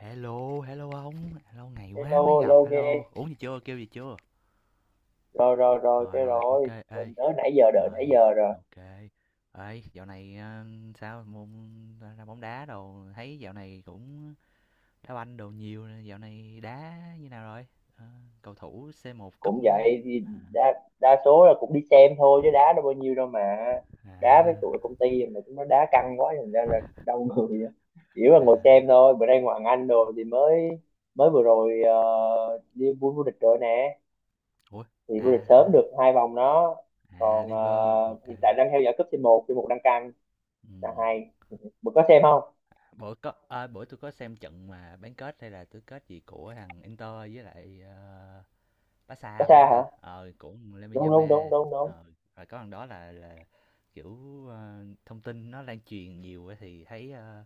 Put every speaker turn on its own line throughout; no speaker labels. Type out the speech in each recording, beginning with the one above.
Hello, hello ông, hello ngày quá
Hello,
mới gặp,
hello
hello.
ghê.
Uống gì chưa, kêu gì chưa?
Rồi, rồi, rồi,
Rồi rồi, ok,
rồi
ê.
mình tới nãy giờ, đợi nãy
Rồi,
giờ rồi.
ok. Ê, dạo này sao môn ra ra bóng đá đồ, thấy dạo này cũng đá banh đồ nhiều, dạo này đá như nào rồi? Ờ, cầu thủ c một cúp
Cũng
mấy.
vậy thì đa đa số là cũng đi xem thôi chứ đá đâu bao nhiêu đâu mà, đá với
À
tụi công ty mà chúng nó đá căng quá thành ra là đau người á. Chỉ là
à.
ngồi xem thôi. Bữa nay Hoàng Anh rồi thì mới mới vừa rồi ờ, đi vô vô địch rồi nè,
Ủa.
thì vô
À
địch
ha.
sớm được 2 vòng đó.
À
Còn
liver ok.
hiện tại đang theo dõi cúp C1 C1 đang căng, là
Ừ.
hay. Bữa có xem không?
Bữa có à, bữa tôi có xem trận mà bán kết hay là tứ kết gì của thằng Inter với lại
Có
Pasa phải
xa
không
hả?
ta? Ờ, của
Đúng, đúng,
Lemmy-Yama.
đúng, đúng, đúng.
ờ, Rồi có lần đó là, kiểu, thông tin nó lan truyền nhiều á thì thấy, ơ,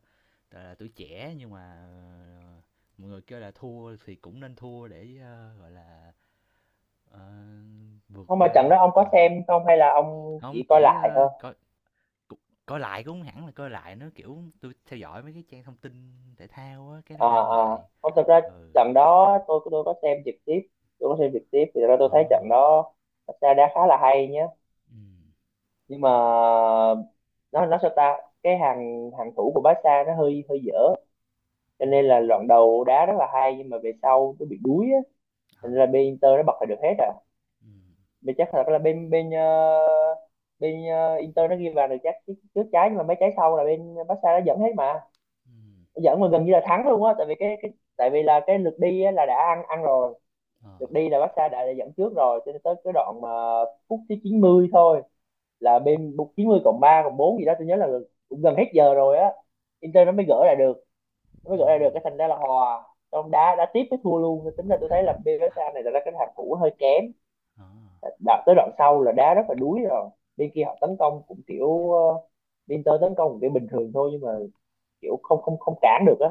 gọi là, tuổi trẻ nhưng mà, mọi người kêu là thua thì cũng nên thua để, ơ, gọi là, ờ, vượt
Không mà trận
qua.
đó ông có
Ờ,
xem không hay là ông chỉ
hông,
coi
chỉ,
lại
ơ,
thôi?
coi c coi lại cũng hông hẳn là coi lại nó kiểu, tôi theo dõi mấy cái trang thông tin thể thao á, cái nó
À,
đăng
à,
lại.
không, thật ra
Ừ.
trận đó tôi có xem trực tiếp. Tôi có xem trực tiếp thì thật ra tôi
Ờ.
thấy trận đó thật ra đã khá là hay nhé.
Ừm.
Nhưng mà nó sao ta, cái hàng hàng thủ của Barca nó hơi hơi dở, cho
Ừ.
nên là đoạn đầu đá rất là hay nhưng mà về sau nó bị đuối á, thành ra bên Inter nó bật lại được hết à.
Ừ.
Bên chắc là bên bên ờ, Inter nó ghi vào được chắc trước trước trái, nhưng mà mấy trái sau là bên Barca nó dẫn hết mà,
Ừ.
dẫn mà gần như là thắng luôn á, tại vì cái tại vì là cái lượt đi á, là đã ăn ăn rồi.
Ờ.
Lượt đi là Barca đã dẫn trước rồi, cho nên tới cái đoạn mà phút thứ 90 thôi, là bên 90+3+4 gì đó tôi nhớ là, cũng gần hết giờ rồi á, Inter nó mới gỡ lại được. Nó mới gỡ lại được,
Ừ.
cái thành ra là hòa, trong đá đá tiếp mới thua luôn. Tính là tôi thấy là bên Barca này là cái hàng thủ hơi kém,
Ờ.
đạt tới đoạn sau là đá rất là đuối rồi, bên kia họ tấn công cũng kiểu Inter tấn công cũng kiểu bình thường thôi, nhưng mà kiểu không không không cản được á.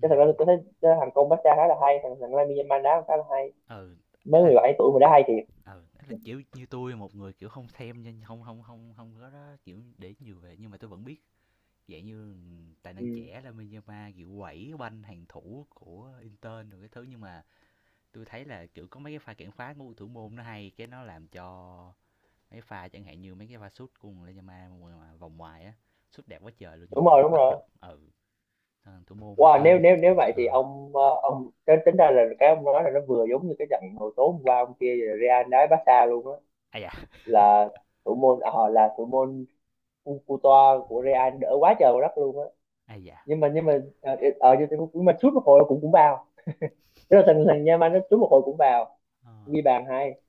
Cái thật ra tôi thấy cái thằng Công Bách khá là hay, thằng thằng Lamine Yamal đá khá là hay,
Ừ, ấy
mới
là,
17 tuổi mà đá hay thiệt.
ừ, ấy là, kiểu như tôi một người, kiểu, không xem nên không không không không có đó, kiểu, để nhiều về nhưng mà tôi vẫn biết dạng như tài năng
Ừ.
trẻ là Yamal, kiểu, quẩy banh hàng thủ của Inter rồi cái thứ. Nhưng mà tôi thấy là, kiểu, có mấy cái pha cản phá của thủ môn nó hay, cái nó làm cho mấy pha chẳng hạn như mấy cái pha sút của La Yamal mà vòng ngoài á, sút đẹp quá trời luôn nhưng
Đúng rồi,
mà
đúng
bắt
rồi.
được. Ừ. Thủ môn
Wow, nếu
tên.
nếu nếu vậy thì
Ờ,
ông ông tính tính ra là cái ông nói là nó vừa giống như cái trận hồi tối hôm qua ông kia, Real đá Barca luôn á,
Aya.
là thủ môn à, là thủ môn Cu- Courtois của Real đỡ quá trời quá đất luôn á.
Aya.
Nhưng mà nhưng mà ở nhưng mà sút một hồi cũng cũng vào. Tức là thằng thằng Yamal nó sút một hồi cũng vào,
Ờ.
ghi bàn hay.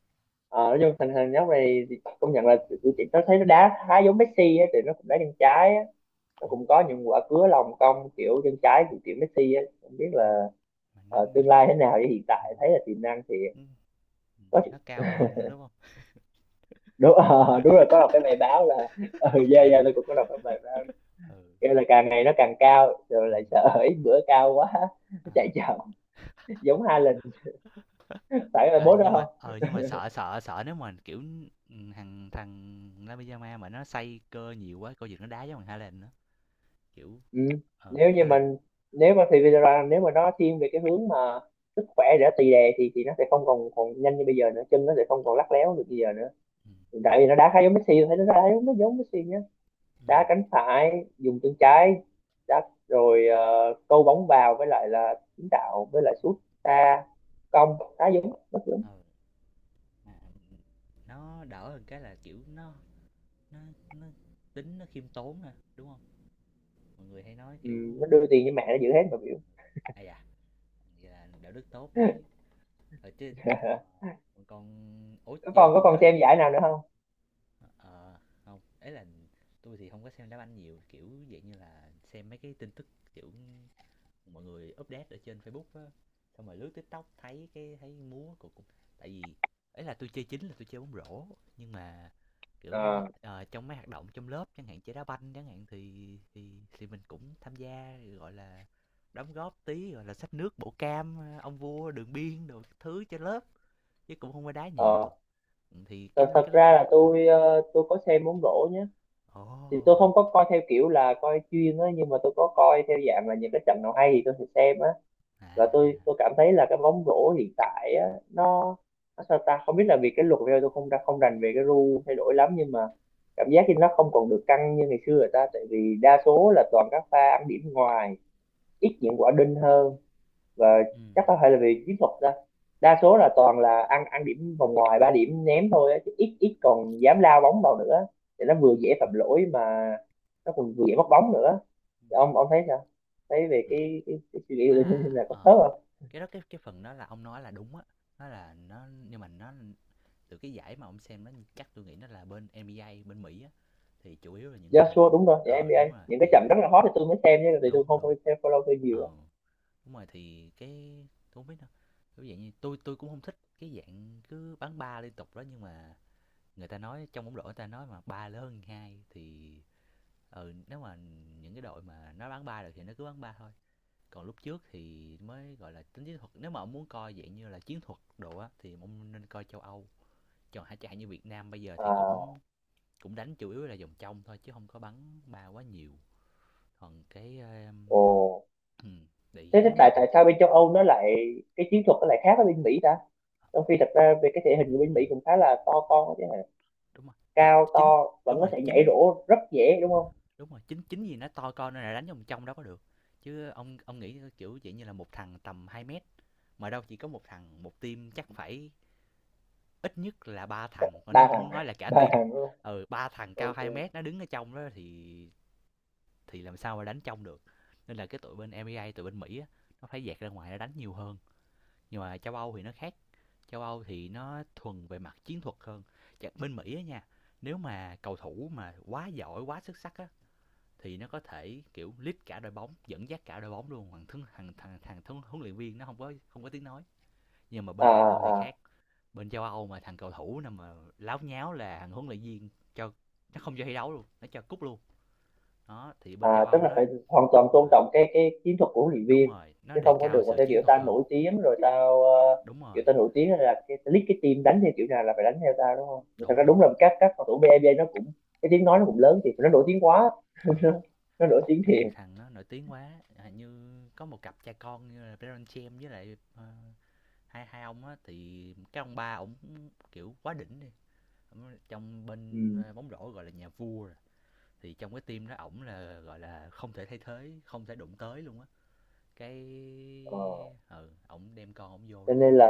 Ờ, nói chung thằng thằng nhóc này thì công nhận là tụi chị nó thấy nó đá khá giống Messi á, thì nó cũng đá chân trái á, nó
Ồ.
cũng có những quả cứa lòng cong kiểu chân trái của kiểu Messi á, không biết
Ừm,
là
mà nó
tương lai thế nào chứ hiện tại thấy là tiềm năng thì có.
nó cao hơn nữa, đúng không?
Đúng, đúng rồi, có đọc cái bài báo là, ừ,
Không
dạ,
kể
dạ,
được.
tôi cũng có đọc cái bài báo
Ừ.
kêu là càng ngày nó càng cao, rồi lại
Ừm.
sợ ít bữa cao quá
À.
nó chạy chậm giống hai lần, phải là
ờ,
bố
nhưng mà
đó.
ờ nhưng mà sợ sợ sợ nếu mà, kiểu, thằng thằng La Pijama mà nó xây cơ nhiều quá, coi chừng nó đá giống thằng Haaland á, kiểu.
Ừ.
Ừ,
Nếu như
Haaland.
mình, nếu mà thì Vidra, nếu mà nó thiên về cái hướng mà sức khỏe để tì đè thì nó sẽ không còn còn nhanh như bây giờ nữa, chân nó sẽ không còn lắc léo được bây giờ nữa,
Ừm.
tại vì nó đá khá giống Messi, thấy nó đá giống nó giống Messi nhá, đá
Ừm.
cánh phải dùng chân trái, đá rồi câu bóng vào với lại là kiến tạo với lại sút xa cong, đá giống nó giống.
Ừ. Ờ mà, nó đỡ hơn cái là, kiểu, nó nó tính nó khiêm tốn nè đúng không? Mọi người hay nói,
Ừ,
kiểu.
nó đưa tiền cho mẹ nó giữ hết mà biểu.
À da, vậy là đạo đức tốt đấy. Ờ, chứ còn ủa
Có
về
còn, có
chung
còn
kết.
xem giải nào nữa không?
Ờ, không ấy là tôi thì không có xem đá banh nhiều kiểu dạng như là xem mấy cái tin tức kiểu mọi người update ở trên Facebook á, xong rồi lướt TikTok thấy thấy múa của cũng, tại vì ấy là tôi chơi bóng rổ, nhưng mà kiểu,
Ờ.
trong mấy hoạt động trong lớp chẳng hạn chơi đá banh chẳng hạn thì mình cũng tham gia gọi là đóng góp tí gọi là xách nước bổ cam, ông vua đường biên đồ các thứ cho lớp chứ cũng không có đá nhiều.
Ờ,
Ừ, thì cái mấy
thật
cái lúc.
ra là tôi, tôi có xem bóng rổ nhé, thì tôi
Ồ.
không có coi theo kiểu là coi chuyên á, nhưng mà tôi có coi theo dạng là những cái trận nào hay thì tôi sẽ xem á.
À
Và tôi
à.
tôi cảm thấy là cái bóng rổ hiện tại á, nó sao ta, không biết là vì cái luật bây giờ tôi không rành về cái rule thay đổi lắm, nhưng mà cảm giác như nó không còn được căng như ngày xưa rồi ta, tại vì đa số là toàn các pha ăn điểm ngoài, ít những quả đinh hơn. Và
Ừ.
chắc có thể là vì chiến thuật đó, đa số là toàn là ăn ăn điểm vòng ngoài, 3 điểm ném thôi á, chứ ít ít còn dám lao bóng vào nữa, thì nó vừa dễ phạm lỗi mà, nó còn vừa dễ mất bóng nữa. Thì ông thấy sao, thấy về
Ừ.
cái suy nghĩ của Linh
À,
là có
ờ.
khớp không?
Cái đó cái phần đó là ông nói là đúng á. Nó là nó nhưng mà nó từ cái giải mà ông xem nó chắc tôi nghĩ nó là bên NBA bên Mỹ á, thì chủ yếu là những cái thằng.
Joshua đúng rồi, dạ,
Ờ
NBA
đúng rồi,
những cái
dạ,
trận rất là hot thì tôi mới xem chứ, thì
đúng
tôi không
đúng.
có xem follow tôi nhiều á.
Ờ đúng rồi thì cái tôi không biết đâu. Kiểu dạng như tôi cũng không thích cái dạng cứ bắn ba liên tục đó, nhưng mà người ta nói trong bóng rổ người ta nói mà ba lớn hơn hai thì ừ nếu mà những cái đội mà nó bán ba được thì nó cứ bán ba thôi. Còn lúc trước thì mới gọi là tính chiến thuật, nếu mà ông muốn coi dạng như là chiến thuật đồ á thì ông nên coi châu Âu, còn hả chạy như Việt Nam bây giờ thì
À.
cũng cũng đánh chủ yếu là vòng trong thôi chứ không có bắn ba quá nhiều. Còn cái
Ồ.
ừ, bị cái
Thế
bóng
tại tại
rổ.
sao bên châu Âu nó lại cái chiến thuật nó lại khác ở bên Mỹ ta, trong khi thật ra về cái thể hình của bên
ừ,
Mỹ cũng khá là to con chứ hả?
đúng rồi
Cao to
chính
vẫn
đúng
có
rồi
thể nhảy
chính
rổ rất dễ đúng không?
đúng rồi chính chính gì nó to con nên là đánh vòng trong đó có được. Chứ ông nghĩ kiểu vậy như là một thằng tầm 2 mét mà đâu chỉ có một thằng một team, chắc phải ít nhất là ba thằng mà nếu
Ba
không
thằng
muốn nói
à?
là cả
Ba
team.
thằng đúng không?
Ừ ba thằng cao
OK.
2 mét nó đứng ở trong đó thì làm sao mà đánh trong được, nên là cái tụi bên MEA tụi bên Mỹ á, nó phải dạt ra ngoài nó đánh nhiều hơn. Nhưng mà châu Âu thì nó khác, châu Âu thì nó thuần về mặt chiến thuật hơn. Bên Mỹ á nha, nếu mà cầu thủ mà quá giỏi quá xuất sắc á thì nó có thể kiểu lead cả đội bóng dẫn dắt cả đội bóng luôn, thằng thằng thằng thằng, thằng huấn luyện viên nó không có tiếng nói. Nhưng mà
À.
bên châu Âu thì
À.
khác, bên châu Âu mà thằng cầu thủ nào mà láo nháo là thằng huấn luyện viên cho nó không cho thi đấu luôn, nó cho cúp luôn. Đó thì bên
À,
châu
tức
Âu
là
nó.
phải hoàn toàn
Đúng
tôn
rồi.
trọng cái chiến thuật của huấn luyện
Đúng
viên,
rồi nó
chứ
đề
không có
cao
được mà
sự
theo
chiến
kiểu
thuật
ta
hơn.
nổi tiếng rồi tao
Đúng
kiểu
rồi.
ta nổi tiếng là cái ta lead cái team đánh theo kiểu nào là phải đánh theo tao đúng không? Thật
Đúng
ra đúng
đúng.
là các cầu thủ BNB nó cũng cái tiếng nói nó cũng lớn, thì nó nổi tiếng quá,
Ừ
nó nổi tiếng
có
thiệt.
nhiều thằng nó nổi tiếng quá à, như có một cặp cha con như là Baron Chem với lại hai hai ông á, thì cái ông ba ổng kiểu quá đỉnh đi. Ổng trong bên
Ừ.
ờ, bóng rổ gọi là nhà vua rồi. Thì trong cái team đó ổng là gọi là không thể thay thế không thể đụng tới luôn á, cái
Ờ.
ờ ổng đem con ổng vô
Cho
đánh
nên
luôn.
là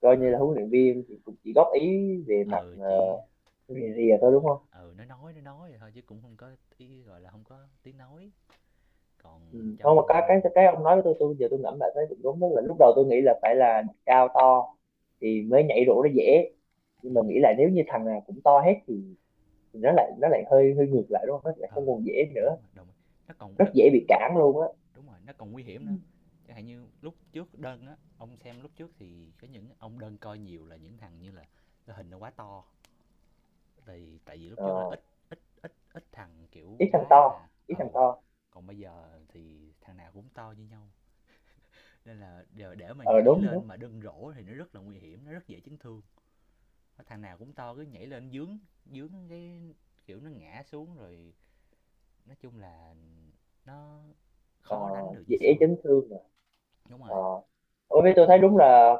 coi như là huấn luyện viên thì cũng chỉ góp ý về mặt
Ờ chỉ.
rìa, thôi
Ừ,
đúng không?
ừ nó nói thôi chứ cũng không có ý gọi là không có tiếng nói. Còn
Ừ. Không
trong.
mà cái ông nói với tôi giờ tôi ngẫm lại thấy cũng đúng, đó là lúc đầu tôi nghĩ là phải là cao to thì mới nhảy rổ nó dễ, nhưng mà nghĩ
Ừ,
lại nếu như thằng nào cũng to hết thì nó lại hơi hơi ngược lại đúng không, nó lại không
ừ
còn dễ
đúng
nữa,
rồi đúng rồi, nó còn
rất
nó
dễ bị
cũng.
cản luôn á.
Đúng rồi nó còn nguy hiểm
Ừ.
nữa. Chẳng hạn như lúc trước đơn á ông xem lúc trước thì có những ông đơn coi nhiều là những thằng như là cái hình nó quá to, thì tại vì lúc trước là
Ờ,
ít ít thằng kiểu
ít thằng
quá
to,
là
ít thằng
ừ.
to.
Còn bây giờ thì thằng nào cũng to như nhau nên là để mà
Ờ,
nhảy
đúng,
lên
đúng.
mà đâm rổ thì nó rất là nguy hiểm nó rất dễ chấn thương. Có thằng nào cũng to cứ nhảy lên dướng dướng kiểu nó ngã xuống rồi, nói chung là nó
Ờ,
khó đánh được như
dễ
xưa.
chấn thương mà.
Đúng rồi.
Ờ. Ủa, với tôi thấy đúng là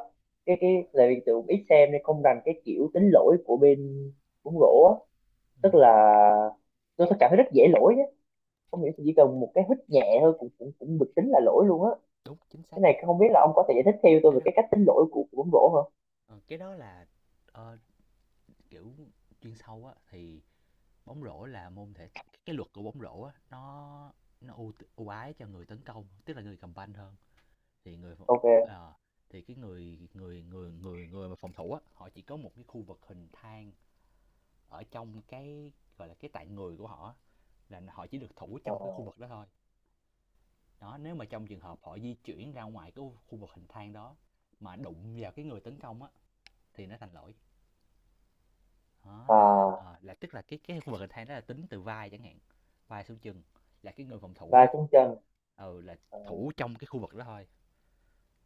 cái, tại vì tôi cũng ít xem nên không rành cái kiểu tính lỗi của bên bóng rổ á,
Ừ.
tức là tôi thấy cảm thấy rất dễ lỗi, không hiểu chỉ cần một cái hít nhẹ thôi cũng cũng cũng được tính là lỗi luôn á.
Đúng chính xác.
Cái này không biết là ông có thể giải thích theo tôi
Cái
về
đó
cái cách tính lỗi của bóng rổ không?
ờ, cái đó là ờ, kiểu chuyên sâu á thì, bóng rổ là môn thể, cái luật của bóng rổ á nó ưu ái cho người tấn công tức là người cầm banh hơn, thì người phòng-.
OK.
ờ, thì cái người người người người người mà phòng thủ á họ chỉ có một cái khu vực hình thang ở trong cái gọi là cái tạng người của họ, là họ chỉ được thủ
Ờ,
trong cái khu vực đó thôi. Đó nếu mà trong trường hợp họ di chuyển ra ngoài cái khu vực hình thang đó mà đụng vào cái người tấn công á thì nó thành lỗi. Đó là
à,
là tức là cái khu vực hình thang đó là tính từ vai chẳng hạn, vai xuống chân, là cái người phòng thủ
và
đó.
trong chân.
Ừ là
Ờ,
thủ trong cái khu vực đó thôi.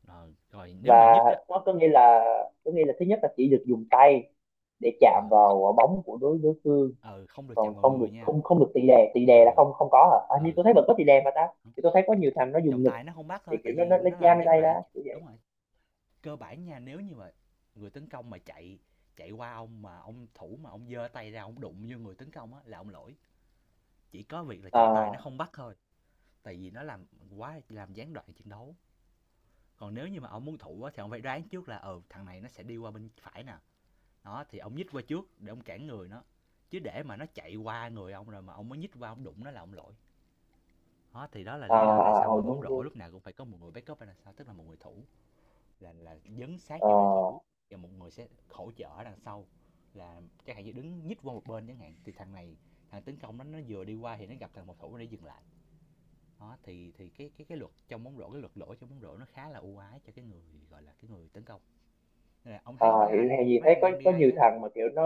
Ờ, rồi nếu
và
mà nhích á.
nó có nghĩa là, có nghĩa là thứ nhất là chỉ được dùng tay để chạm
Ờ.
vào bóng của đối đối phương,
Ừ, không được
còn
chạm vào
không được,
người nha.
không không được tì đè, tì đè là
Ừ,
không, không có hả? À, như
ừ,
tôi thấy vẫn có tì đè mà ta, thì tôi thấy có nhiều thằng nó dùng
trọng
ngực,
tài nó không bắt
thì
thôi,
kiểu
tại vì
nó
nó
lấy
làm
giam lên
gián
tay ra
đoạn.
kiểu vậy.
Đúng rồi, cơ bản nha, nếu như mà người tấn công mà chạy chạy qua ông mà ông thủ mà ông giơ tay ra ông đụng vô người tấn công á là ông lỗi, chỉ có việc là trọng tài nó
À,
không bắt thôi, tại vì nó làm quá làm gián đoạn trận đấu. Còn nếu như mà ông muốn thủ á thì ông phải đoán trước là, ừ, thằng này nó sẽ đi qua bên phải nè, đó, thì ông nhích qua trước để ông cản người nó, chứ để mà nó chạy qua người ông rồi mà ông mới nhích qua ông đụng nó là ông lỗi. Đó, thì đó là
à,
lý do tại
à,
sao
ờ,
mà bóng
đúng,
rổ
đúng.
lúc nào cũng phải có một người backup ở đằng sau, tức là một người thủ là dấn sát
Ờ.
vô để thủ, và một người sẽ hỗ trợ ở đằng sau là chẳng hạn như đứng nhích qua một bên chẳng hạn thì thằng này, thằng tấn công nó vừa đi qua thì nó gặp thằng một thủ để dừng lại. Đó thì cái luật trong bóng rổ cái luật lỗi trong bóng rổ nó khá là ưu ái cho cái người gọi là cái người tấn công, nên là ông thấy
Ờ, hiểu hay gì
mấy
thấy
anh
có
NBA
nhiều
á.
thằng mà kiểu nó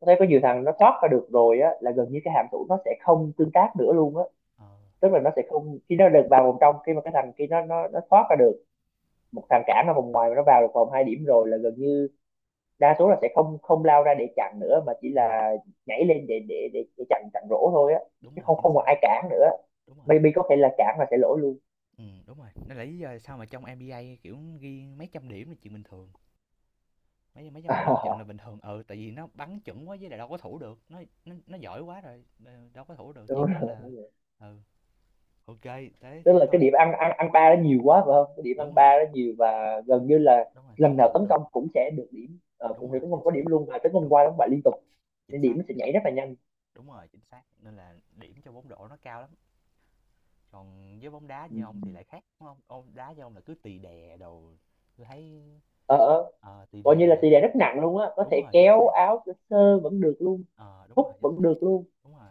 nó thấy có
Ờ.
nhiều thằng nó thoát ra được rồi á là gần như cái hàm thủ nó sẽ không tương tác nữa luôn á.
Ờ.
Tức là nó sẽ không, khi nó được vào vòng trong, khi mà cái thằng khi nó thoát ra được, một thằng cản ở vòng ngoài mà nó vào được vòng 2 điểm rồi là gần như đa số là sẽ không không lao ra để chặn nữa, mà chỉ
Ừ,
là nhảy lên để để chặn chặn rổ thôi á,
đúng
chứ
rồi
không
chính
không còn
xác.
ai cản nữa,
Đúng rồi.
maybe có thể là cản là sẽ lỗi luôn.
Ừ, đúng rồi nên là lý do tại sao mà trong NBA kiểu ghi mấy trăm điểm là chuyện bình thường, mấy mấy trăm điểm trận là bình thường ừ tại vì nó bắn chuẩn quá với lại đâu có thủ được nó giỏi quá rồi đâu có thủ được chỉ
Đúng
có là.
rồi.
Ừ. Ok. Thế
Tức
thế
là cái
thôi.
điểm ăn ăn ăn 3 nó nhiều quá phải không, cái điểm ăn
Đúng rồi.
3 nó nhiều, và gần như là
Đúng rồi
lần
không
nào
thủ
tấn
được.
công cũng sẽ được điểm,
Đúng
cũng sẽ
rồi
tấn
chính
công có
xác.
điểm luôn, và tấn công
Đúng
qua
rồi,
đóng bại liên tục,
chính
nên
xác
điểm nó sẽ
chính.
nhảy rất là nhanh.
Đúng rồi chính xác nên là điểm cho bóng rổ nó cao lắm. Còn với bóng đá
Ừ.
như ông thì lại khác đúng không, ông đá như ông là cứ tì đè đồ. Tôi thấy
ờ ờ,
tì
Coi như
đè
là
để
tỷ lệ
cho-.
rất nặng luôn á, có
Đúng
thể
rồi chính
kéo
xác.
áo sơ sơ vẫn được luôn,
Ờ đúng rồi
hút
chính
vẫn
xác.
được luôn.
Đúng rồi.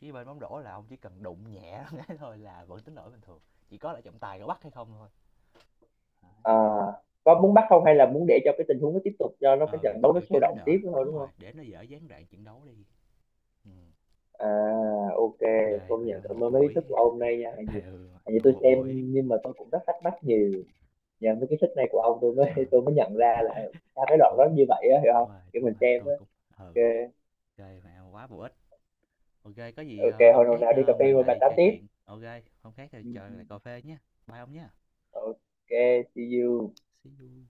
Chứ bên bóng rổ là ông chỉ cần đụng nhẹ cái thôi là vẫn tính lỗi bình thường, chỉ có là trọng tài có bắt hay không thôi. Đấy.
À, có muốn bắt không hay là muốn để cho cái tình huống nó tiếp tục cho nó
Ừ,
cái trận
ừ,
đấu nó
kiểu cho
sôi
nó
động
đỡ,
tiếp nữa thôi
đúng
đúng
rồi,
không?
để nó dở gián đoạn trận đấu đi. Ừm.
À. OK.
OK,
Công nhận,
mẹ một
cảm ơn mấy ý thức
buổi.
của ông hôm nay nha, hẹn gì.
Ừ,
Hẹn gì tôi
một
xem,
buổi.
nhưng mà tôi cũng rất thắc mắc nhiều, nhờ mấy cái thích này của ông tôi mới
Ờ,
tôi mới nhận ra là sao cái đoạn
đúng
đó như vậy á, hiểu không, kiểu mình
đúng rồi,
xem á.
tôi cũng ừ.
OK.
OK, mẹ quá bổ ích. OK, có gì,
OK,
ờ, hôm
hồi nào
khác,
nào đi cà
ờ,
phê
mình
rồi bà
lại
tám
trò
tiếp.
chuyện. OK, hôm khác thì
Ừ,
chờ
ừ.
lại cà phê nhé. Bye ông nhé.
Ừ. OK. See you.
See you.